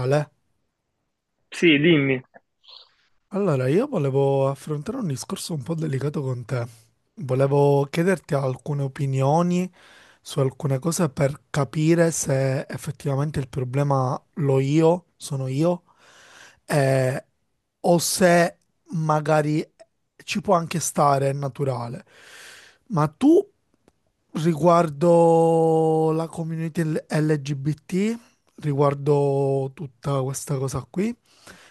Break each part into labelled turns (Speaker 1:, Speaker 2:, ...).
Speaker 1: Ale,
Speaker 2: Sì, dimmi.
Speaker 1: allora io volevo affrontare un discorso un po' delicato con te. Volevo chiederti alcune opinioni su alcune cose per capire se effettivamente il problema sono io, eh, o se magari ci può anche stare, è naturale. Ma tu riguardo la community LGBT, riguardo tutta questa cosa qui.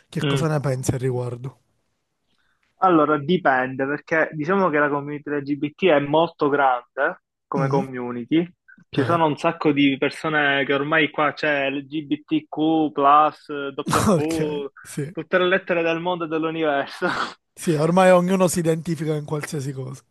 Speaker 1: Che
Speaker 2: Mm.
Speaker 1: cosa ne pensi al riguardo?
Speaker 2: Allora, dipende, perché diciamo che la community LGBT è molto grande come
Speaker 1: Mm,
Speaker 2: community. Ci
Speaker 1: ok,
Speaker 2: sono un sacco di persone che ormai qua c'è LGBTQ, W,
Speaker 1: ok, sì.
Speaker 2: tutte le lettere del mondo e dell'universo.
Speaker 1: Sì, ormai ognuno si identifica in qualsiasi cosa.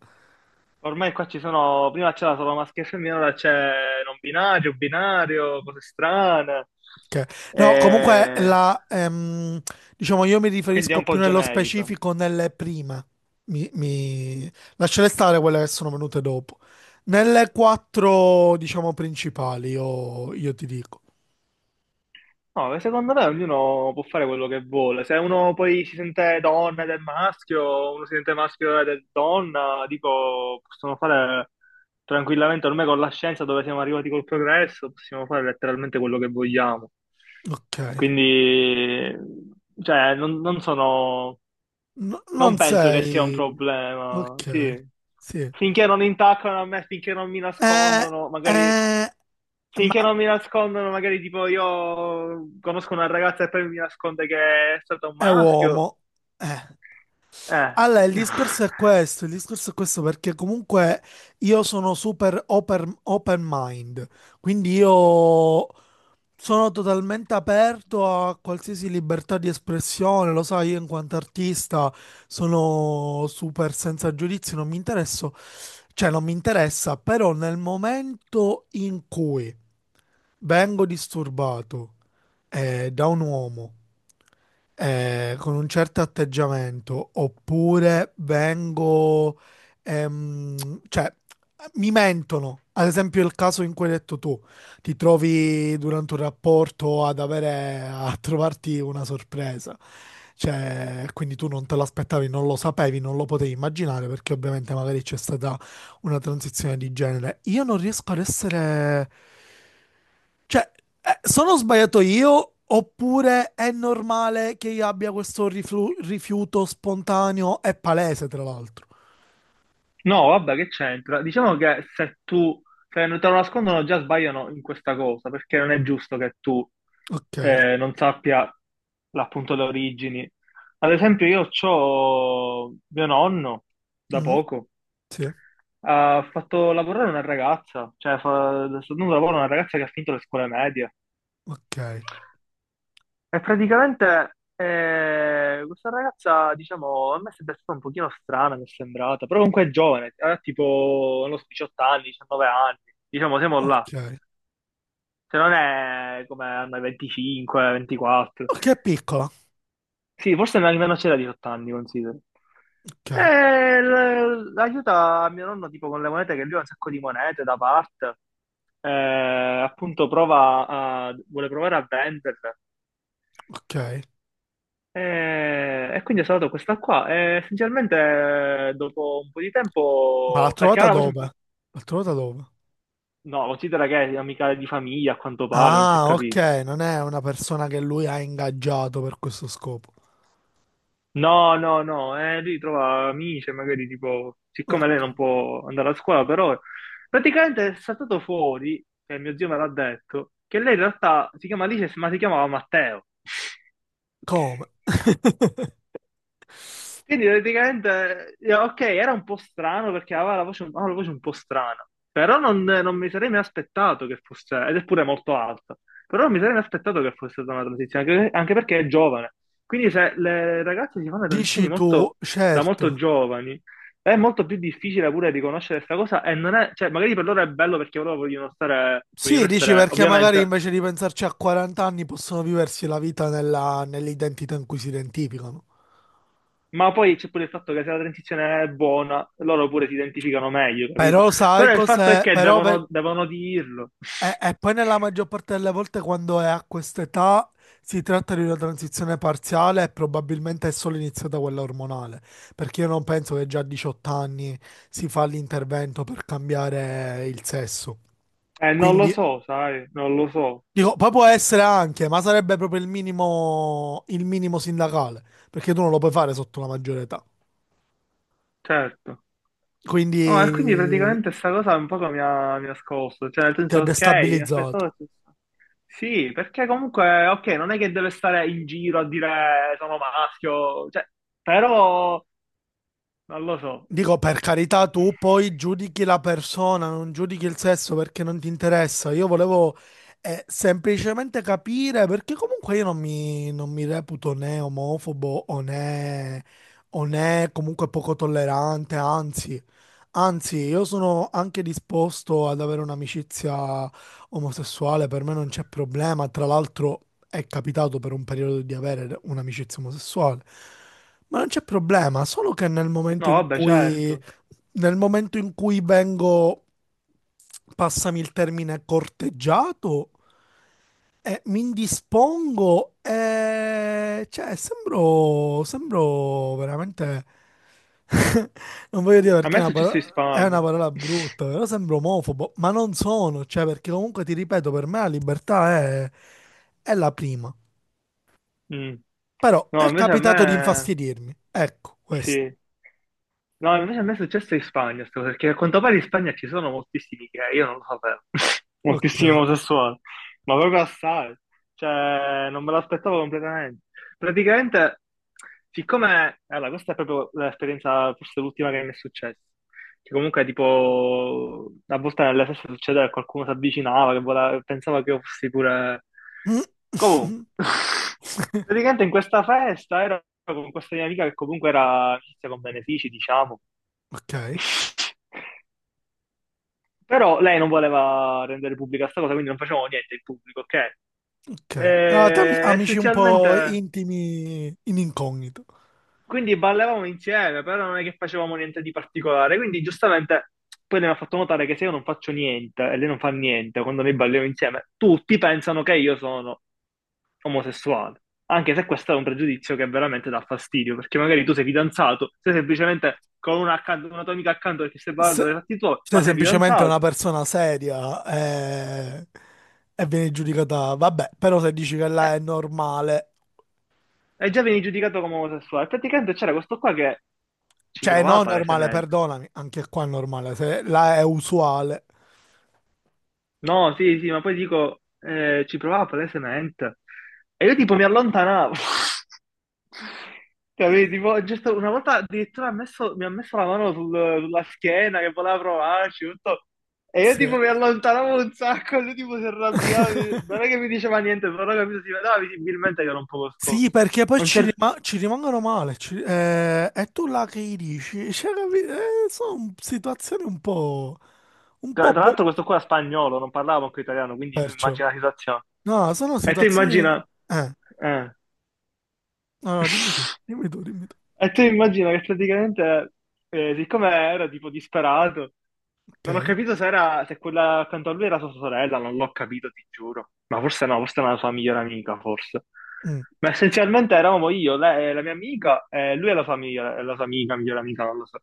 Speaker 2: Ormai qua ci sono, prima c'era solo maschio e femmina, ora c'è non binario, binario, cose strane.
Speaker 1: Ok. No, comunque
Speaker 2: E
Speaker 1: diciamo, io mi
Speaker 2: quindi è
Speaker 1: riferisco
Speaker 2: un
Speaker 1: più
Speaker 2: po'
Speaker 1: nello
Speaker 2: generico.
Speaker 1: specifico nelle prime. Mi, mi... Lascerei stare quelle che sono venute dopo. Nelle quattro, diciamo, principali, io ti dico.
Speaker 2: No, secondo me ognuno può fare quello che vuole. Se uno poi si sente donna ed è maschio, uno si sente maschio ed è donna, dico, possono fare tranquillamente, ormai con la scienza dove siamo arrivati col progresso, possiamo fare letteralmente quello che vogliamo.
Speaker 1: Ok.
Speaker 2: Quindi, cioè, non sono,
Speaker 1: No-
Speaker 2: non
Speaker 1: non
Speaker 2: penso che sia un
Speaker 1: sei...
Speaker 2: problema,
Speaker 1: Ok.
Speaker 2: sì.
Speaker 1: Sì.
Speaker 2: Finché non intaccano a me, finché non mi
Speaker 1: Eh,
Speaker 2: nascondono, magari
Speaker 1: eh,
Speaker 2: sì,
Speaker 1: ma
Speaker 2: che non mi nascondono, magari tipo io conosco una ragazza e poi mi nasconde che è stato un
Speaker 1: è
Speaker 2: maschio.
Speaker 1: uomo. Eh.
Speaker 2: Eh.
Speaker 1: Allora, il discorso è questo, il discorso è questo perché comunque io sono super open, open mind, quindi io sono totalmente aperto a qualsiasi libertà di espressione, lo sai, io in quanto artista sono super senza giudizi, non mi interesso, cioè non mi interessa, però nel momento in cui vengo disturbato da un uomo con un certo atteggiamento, oppure vengo, cioè mi mentono, ad esempio il caso in cui hai detto tu ti trovi durante un rapporto ad avere a trovarti una sorpresa. Cioè, quindi tu non te l'aspettavi, non lo sapevi, non lo potevi immaginare perché ovviamente magari c'è stata una transizione di genere. Io non riesco ad essere... Cioè, sono sbagliato io oppure è normale che io abbia questo rifiuto spontaneo e palese, tra l'altro?
Speaker 2: No, vabbè, che c'entra? Diciamo che se tu, se non te lo nascondono già sbagliano in questa cosa, perché non è giusto che tu
Speaker 1: Ok.
Speaker 2: non sappia appunto le origini. Ad esempio, io c'ho mio nonno, da
Speaker 1: Mm,
Speaker 2: poco,
Speaker 1: sì,
Speaker 2: ha fatto lavorare una ragazza, cioè sta dando lavoro a una ragazza che ha finito le scuole medie.
Speaker 1: ok.
Speaker 2: E praticamente questa ragazza, diciamo, a me sembra stata un pochino strana, mi è sembrata, però comunque è giovane, ha tipo, non lo so, 18 anni, 19 anni, diciamo, siamo là.
Speaker 1: Ok.
Speaker 2: Se non è come hanno 25, 24.
Speaker 1: Ok, è piccola.
Speaker 2: Sì, forse nemmeno c'era 18 anni, considero.
Speaker 1: Ok,
Speaker 2: E aiuta mio nonno tipo con le monete, che lui ha un sacco di monete da parte. Eh, appunto prova a, vuole provare a venderle.
Speaker 1: ok.
Speaker 2: E quindi ho salvato questa qua. E essenzialmente dopo un po' di
Speaker 1: Ma l'ha
Speaker 2: tempo, perché
Speaker 1: trovata
Speaker 2: aveva la voce un
Speaker 1: dove?
Speaker 2: po'...
Speaker 1: L'ha trovata dove?
Speaker 2: No, considera che è amica di famiglia, a quanto pare, non si è
Speaker 1: Ah, ok,
Speaker 2: capito.
Speaker 1: non è una persona che lui ha ingaggiato per questo scopo.
Speaker 2: No, no, no, lui trova amici, e magari tipo, siccome lei non
Speaker 1: Ok.
Speaker 2: può andare a scuola per ora, praticamente è saltato fuori, e mio zio me l'ha detto, che lei in realtà si chiama Alice, ma si chiamava Matteo.
Speaker 1: Come?
Speaker 2: Quindi praticamente, ok, era un po' strano perché aveva la voce un po' strana, però non, non mi sarei mai aspettato che fosse, ed è pure molto alta, però non mi sarei mai aspettato che fosse stata una transizione, anche, anche perché è giovane. Quindi se le ragazze si fanno le transizioni
Speaker 1: Dici tu,
Speaker 2: molto, da
Speaker 1: certo.
Speaker 2: molto giovani, è molto più difficile pure riconoscere questa cosa e non è, cioè magari per loro è bello perché loro vogliono stare,
Speaker 1: Sì,
Speaker 2: vogliono
Speaker 1: dici
Speaker 2: essere,
Speaker 1: perché magari
Speaker 2: ovviamente.
Speaker 1: invece di pensarci a 40 anni possono viversi la vita nell'identità in cui si identificano.
Speaker 2: Ma poi c'è pure il fatto che se la transizione è buona, loro pure si identificano meglio, capito?
Speaker 1: Però sai
Speaker 2: Però il fatto è
Speaker 1: cos'è?
Speaker 2: che
Speaker 1: Però ve-
Speaker 2: devono, devono dirlo.
Speaker 1: E, e poi nella maggior parte delle volte quando è a quest'età si tratta di una transizione parziale e probabilmente è solo iniziata quella ormonale, perché io non penso che già a 18 anni si fa l'intervento per cambiare il sesso.
Speaker 2: Non lo
Speaker 1: Quindi
Speaker 2: so, sai, non lo so,
Speaker 1: dico, poi può essere anche, ma sarebbe proprio il minimo sindacale, perché tu non lo puoi fare sotto la maggiore età.
Speaker 2: certo.
Speaker 1: Quindi
Speaker 2: No, e quindi praticamente sta cosa un po' mi ha scosso, cioè nel
Speaker 1: ti ha
Speaker 2: senso, ok, mi
Speaker 1: destabilizzato.
Speaker 2: aspettavo... Sì, perché comunque, ok, non è che deve stare in giro a dire sono maschio, cioè, però non lo so.
Speaker 1: Dico, per carità, tu poi giudichi la persona, non giudichi il sesso perché non ti interessa. Io volevo semplicemente capire perché comunque io non mi reputo né omofobo o né comunque poco tollerante, anzi. Anzi, io sono anche disposto ad avere un'amicizia omosessuale, per me non c'è problema. Tra l'altro è capitato per un periodo di avere un'amicizia omosessuale. Ma non c'è problema, solo che nel momento
Speaker 2: No,
Speaker 1: in
Speaker 2: vabbè,
Speaker 1: cui,
Speaker 2: certo.
Speaker 1: nel momento in cui vengo, passami il termine, corteggiato, mi indispongo e... Cioè, sembro... Sembro veramente... Non voglio dire
Speaker 2: A
Speaker 1: perché è
Speaker 2: me è
Speaker 1: una
Speaker 2: successo in
Speaker 1: parola... È una
Speaker 2: Spagna.
Speaker 1: parola brutta, però sembro omofobo, ma non sono, cioè perché comunque ti ripeto, per me la libertà è la prima.
Speaker 2: Mm.
Speaker 1: Però è
Speaker 2: No, invece a
Speaker 1: capitato di
Speaker 2: me
Speaker 1: infastidirmi. Ecco, questo.
Speaker 2: sì. No, invece a me è successo in Spagna, perché a quanto pare in Spagna ci sono moltissimi gay, io non lo sapevo.
Speaker 1: Ok.
Speaker 2: Moltissimi omosessuali, ma proprio assai. Cioè, non me l'aspettavo completamente. Praticamente, siccome, allora, questa è proprio l'esperienza, forse l'ultima che mi è successa. Che comunque tipo a volte nella stessa succedeva che qualcuno si avvicinava, che pensava che io fossi pure...
Speaker 1: Mm.
Speaker 2: Comunque, praticamente in questa festa ero con questa mia amica che comunque era amicizia con benefici, diciamo.
Speaker 1: Ok,
Speaker 2: Però lei non voleva rendere pubblica questa cosa, quindi non facevamo niente in pubblico, ok?
Speaker 1: ok. Eravate
Speaker 2: E,
Speaker 1: amici un
Speaker 2: essenzialmente
Speaker 1: po' intimi in incognito.
Speaker 2: quindi ballavamo insieme, però non è che facevamo niente di particolare. Quindi giustamente poi lei mi ha fatto notare che se io non faccio niente e lei non fa niente quando noi balliamo insieme, tutti pensano che io sono omosessuale. Anche se questo è un pregiudizio che veramente dà fastidio, perché magari tu sei fidanzato, sei semplicemente con una, accanto, una tua amica accanto perché stai ballando
Speaker 1: Se-
Speaker 2: per i fatti tuoi, ma
Speaker 1: Sei
Speaker 2: sei
Speaker 1: semplicemente una
Speaker 2: fidanzato.
Speaker 1: persona seria eh, e, vieni giudicata. Vabbè, però se dici che
Speaker 2: Eh,
Speaker 1: là è normale,
Speaker 2: e già vieni giudicato come omosessuale. Praticamente c'era questo qua che ci
Speaker 1: cioè
Speaker 2: provava
Speaker 1: no normale,
Speaker 2: palesemente.
Speaker 1: perdonami, anche qua è normale, se là è usuale.
Speaker 2: No, sì, sì, ma poi dico, ci provava palesemente. E io tipo mi allontanavo. Capito? Tipo, giusto una volta addirittura mi ha messo la mano sulla schiena che voleva provarci, tutto. E io
Speaker 1: Sì,
Speaker 2: tipo mi allontanavo un sacco, e lui tipo si arrabbiava, non è che mi diceva niente, però capito, si vedeva visibilmente che era un poco
Speaker 1: Sì,
Speaker 2: scosso.
Speaker 1: perché poi
Speaker 2: Non
Speaker 1: ci,
Speaker 2: c'è-
Speaker 1: rima- ci rimangono male. E tu là che gli dici? Cioè, sono situazioni un po'. Un
Speaker 2: Tra
Speaker 1: po'
Speaker 2: tra
Speaker 1: boh,
Speaker 2: l'altro questo qua era spagnolo, non parlava manco italiano, quindi tu
Speaker 1: perciò.
Speaker 2: immagina la situazione.
Speaker 1: No, sono
Speaker 2: E tu
Speaker 1: situazioni.
Speaker 2: immagina...
Speaker 1: Eh,
Speaker 2: eh.
Speaker 1: no, no, dimmi tu, dimmi tu, dimmi tu.
Speaker 2: E tu immagina che praticamente, siccome era tipo disperato, non ho
Speaker 1: Ok,
Speaker 2: capito se era, se quella accanto a lui era sua sorella, non l'ho capito, ti giuro. Ma forse no, forse era la sua migliore amica, forse.
Speaker 1: mm,
Speaker 2: Ma essenzialmente eravamo io, lei, la mia amica, e lui e la sua amica, migliore amica, non lo so.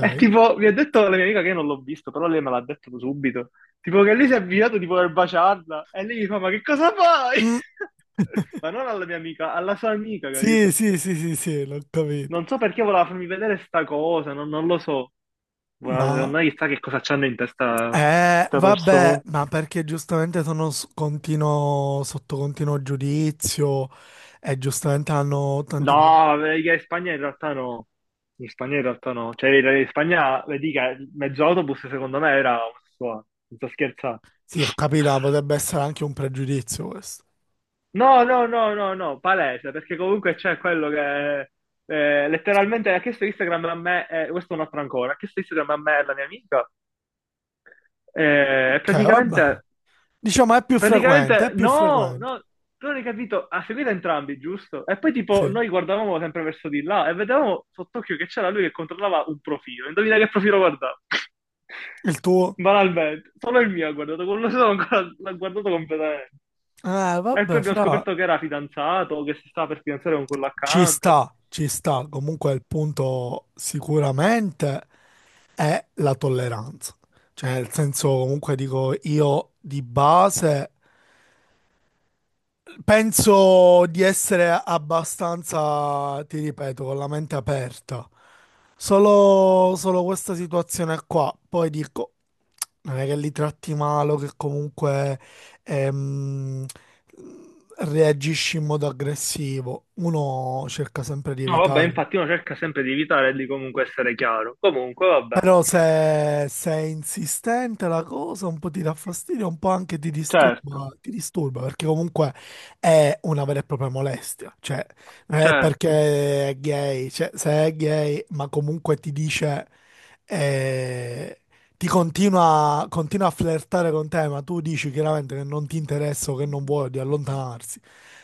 Speaker 2: E tipo, mi ha detto la mia amica che io non l'ho visto, però lei me l'ha detto subito. Tipo che lei si è avvicinato di voler baciarla, e lei mi fa, ma che cosa fai?
Speaker 1: Mm.
Speaker 2: Ma non alla mia amica, alla sua amica,
Speaker 1: Sì,
Speaker 2: capito?
Speaker 1: sì, sì, sì, sì, l'ho capito.
Speaker 2: Non so perché voleva farmi vedere sta cosa, non, non lo so. Guarda,
Speaker 1: No,
Speaker 2: secondo me chissà che cosa c'hanno in testa sta
Speaker 1: vabbè,
Speaker 2: persona.
Speaker 1: ma perché giustamente sono sotto continuo giudizio e giustamente hanno
Speaker 2: No,
Speaker 1: tanti problemi.
Speaker 2: vabbè, che in Spagna in realtà no. In Spagna in realtà no. Cioè, in Spagna, vedi che mezzo autobus secondo me era omosessuale. Non sto scherzando.
Speaker 1: Sì, ho capito, ma potrebbe essere anche un pregiudizio questo.
Speaker 2: No, no, no, no, no, palese, perché comunque c'è quello che letteralmente ha chiesto Instagram a me, questo è un altro ancora, ha chiesto Instagram a me e alla mia amica, e
Speaker 1: Ok, vabbè.
Speaker 2: praticamente
Speaker 1: Diciamo è più frequente,
Speaker 2: praticamente,
Speaker 1: è più
Speaker 2: no,
Speaker 1: frequente.
Speaker 2: no, tu non hai capito, ha seguito entrambi, giusto? E poi tipo
Speaker 1: Sì.
Speaker 2: noi guardavamo sempre verso di là e vedevamo sott'occhio che c'era lui che controllava un profilo. Indovina che profilo guardava?
Speaker 1: Il tuo?
Speaker 2: Banalmente, solo il mio ha guardato, quello solo ancora l'ha guardato completamente. E poi
Speaker 1: Vabbè,
Speaker 2: abbiamo
Speaker 1: fra.
Speaker 2: scoperto che era fidanzato, o che si stava per fidanzare con quello
Speaker 1: Ci
Speaker 2: accanto.
Speaker 1: sta, ci sta. Comunque il punto sicuramente è la tolleranza. Cioè, nel senso, comunque dico, io di base penso di essere abbastanza, ti ripeto, con la mente aperta. Solo questa situazione qua. Poi dico, non è che li tratti male, o che comunque ehm, reagisci in modo aggressivo. Uno cerca sempre di
Speaker 2: No, vabbè,
Speaker 1: evitare.
Speaker 2: infatti uno cerca sempre di evitare di comunque essere chiaro. Comunque, vabbè.
Speaker 1: Però se è insistente la cosa, un po' ti dà fastidio, un po' anche
Speaker 2: Certo,
Speaker 1: ti disturba, perché comunque è una vera e propria molestia. Cioè, non è
Speaker 2: certo.
Speaker 1: perché è gay, cioè, se è gay, ma comunque ti dice, eh, continua a flirtare con te, ma tu dici chiaramente che non ti interessa o che non vuoi di allontanarsi.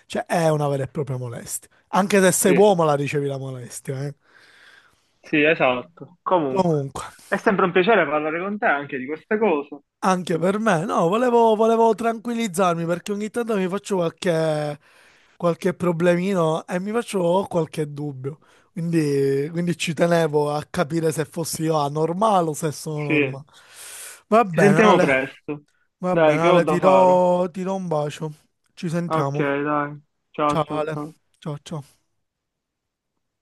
Speaker 1: Cioè, è una vera e propria molestia. Anche se sei
Speaker 2: Sì.
Speaker 1: uomo la ricevi la molestia, eh.
Speaker 2: Sì, esatto. Comunque,
Speaker 1: Comunque.
Speaker 2: è sempre un piacere parlare con te anche di queste cose.
Speaker 1: Anche per me, no, volevo tranquillizzarmi perché ogni tanto mi faccio qualche problemino e mi faccio qualche dubbio. Quindi ci tenevo a capire se fossi io anormale o se sono
Speaker 2: Sì,
Speaker 1: normale. Va
Speaker 2: ci
Speaker 1: bene,
Speaker 2: sentiamo
Speaker 1: Ale,
Speaker 2: presto.
Speaker 1: va
Speaker 2: Dai,
Speaker 1: bene,
Speaker 2: che ho
Speaker 1: Ale, ti
Speaker 2: da fare?
Speaker 1: do, ti do un bacio. Ci
Speaker 2: Ok,
Speaker 1: sentiamo.
Speaker 2: dai. Ciao,
Speaker 1: Ciao,
Speaker 2: ciao,
Speaker 1: Ale.
Speaker 2: ciao.
Speaker 1: Ciao, ciao.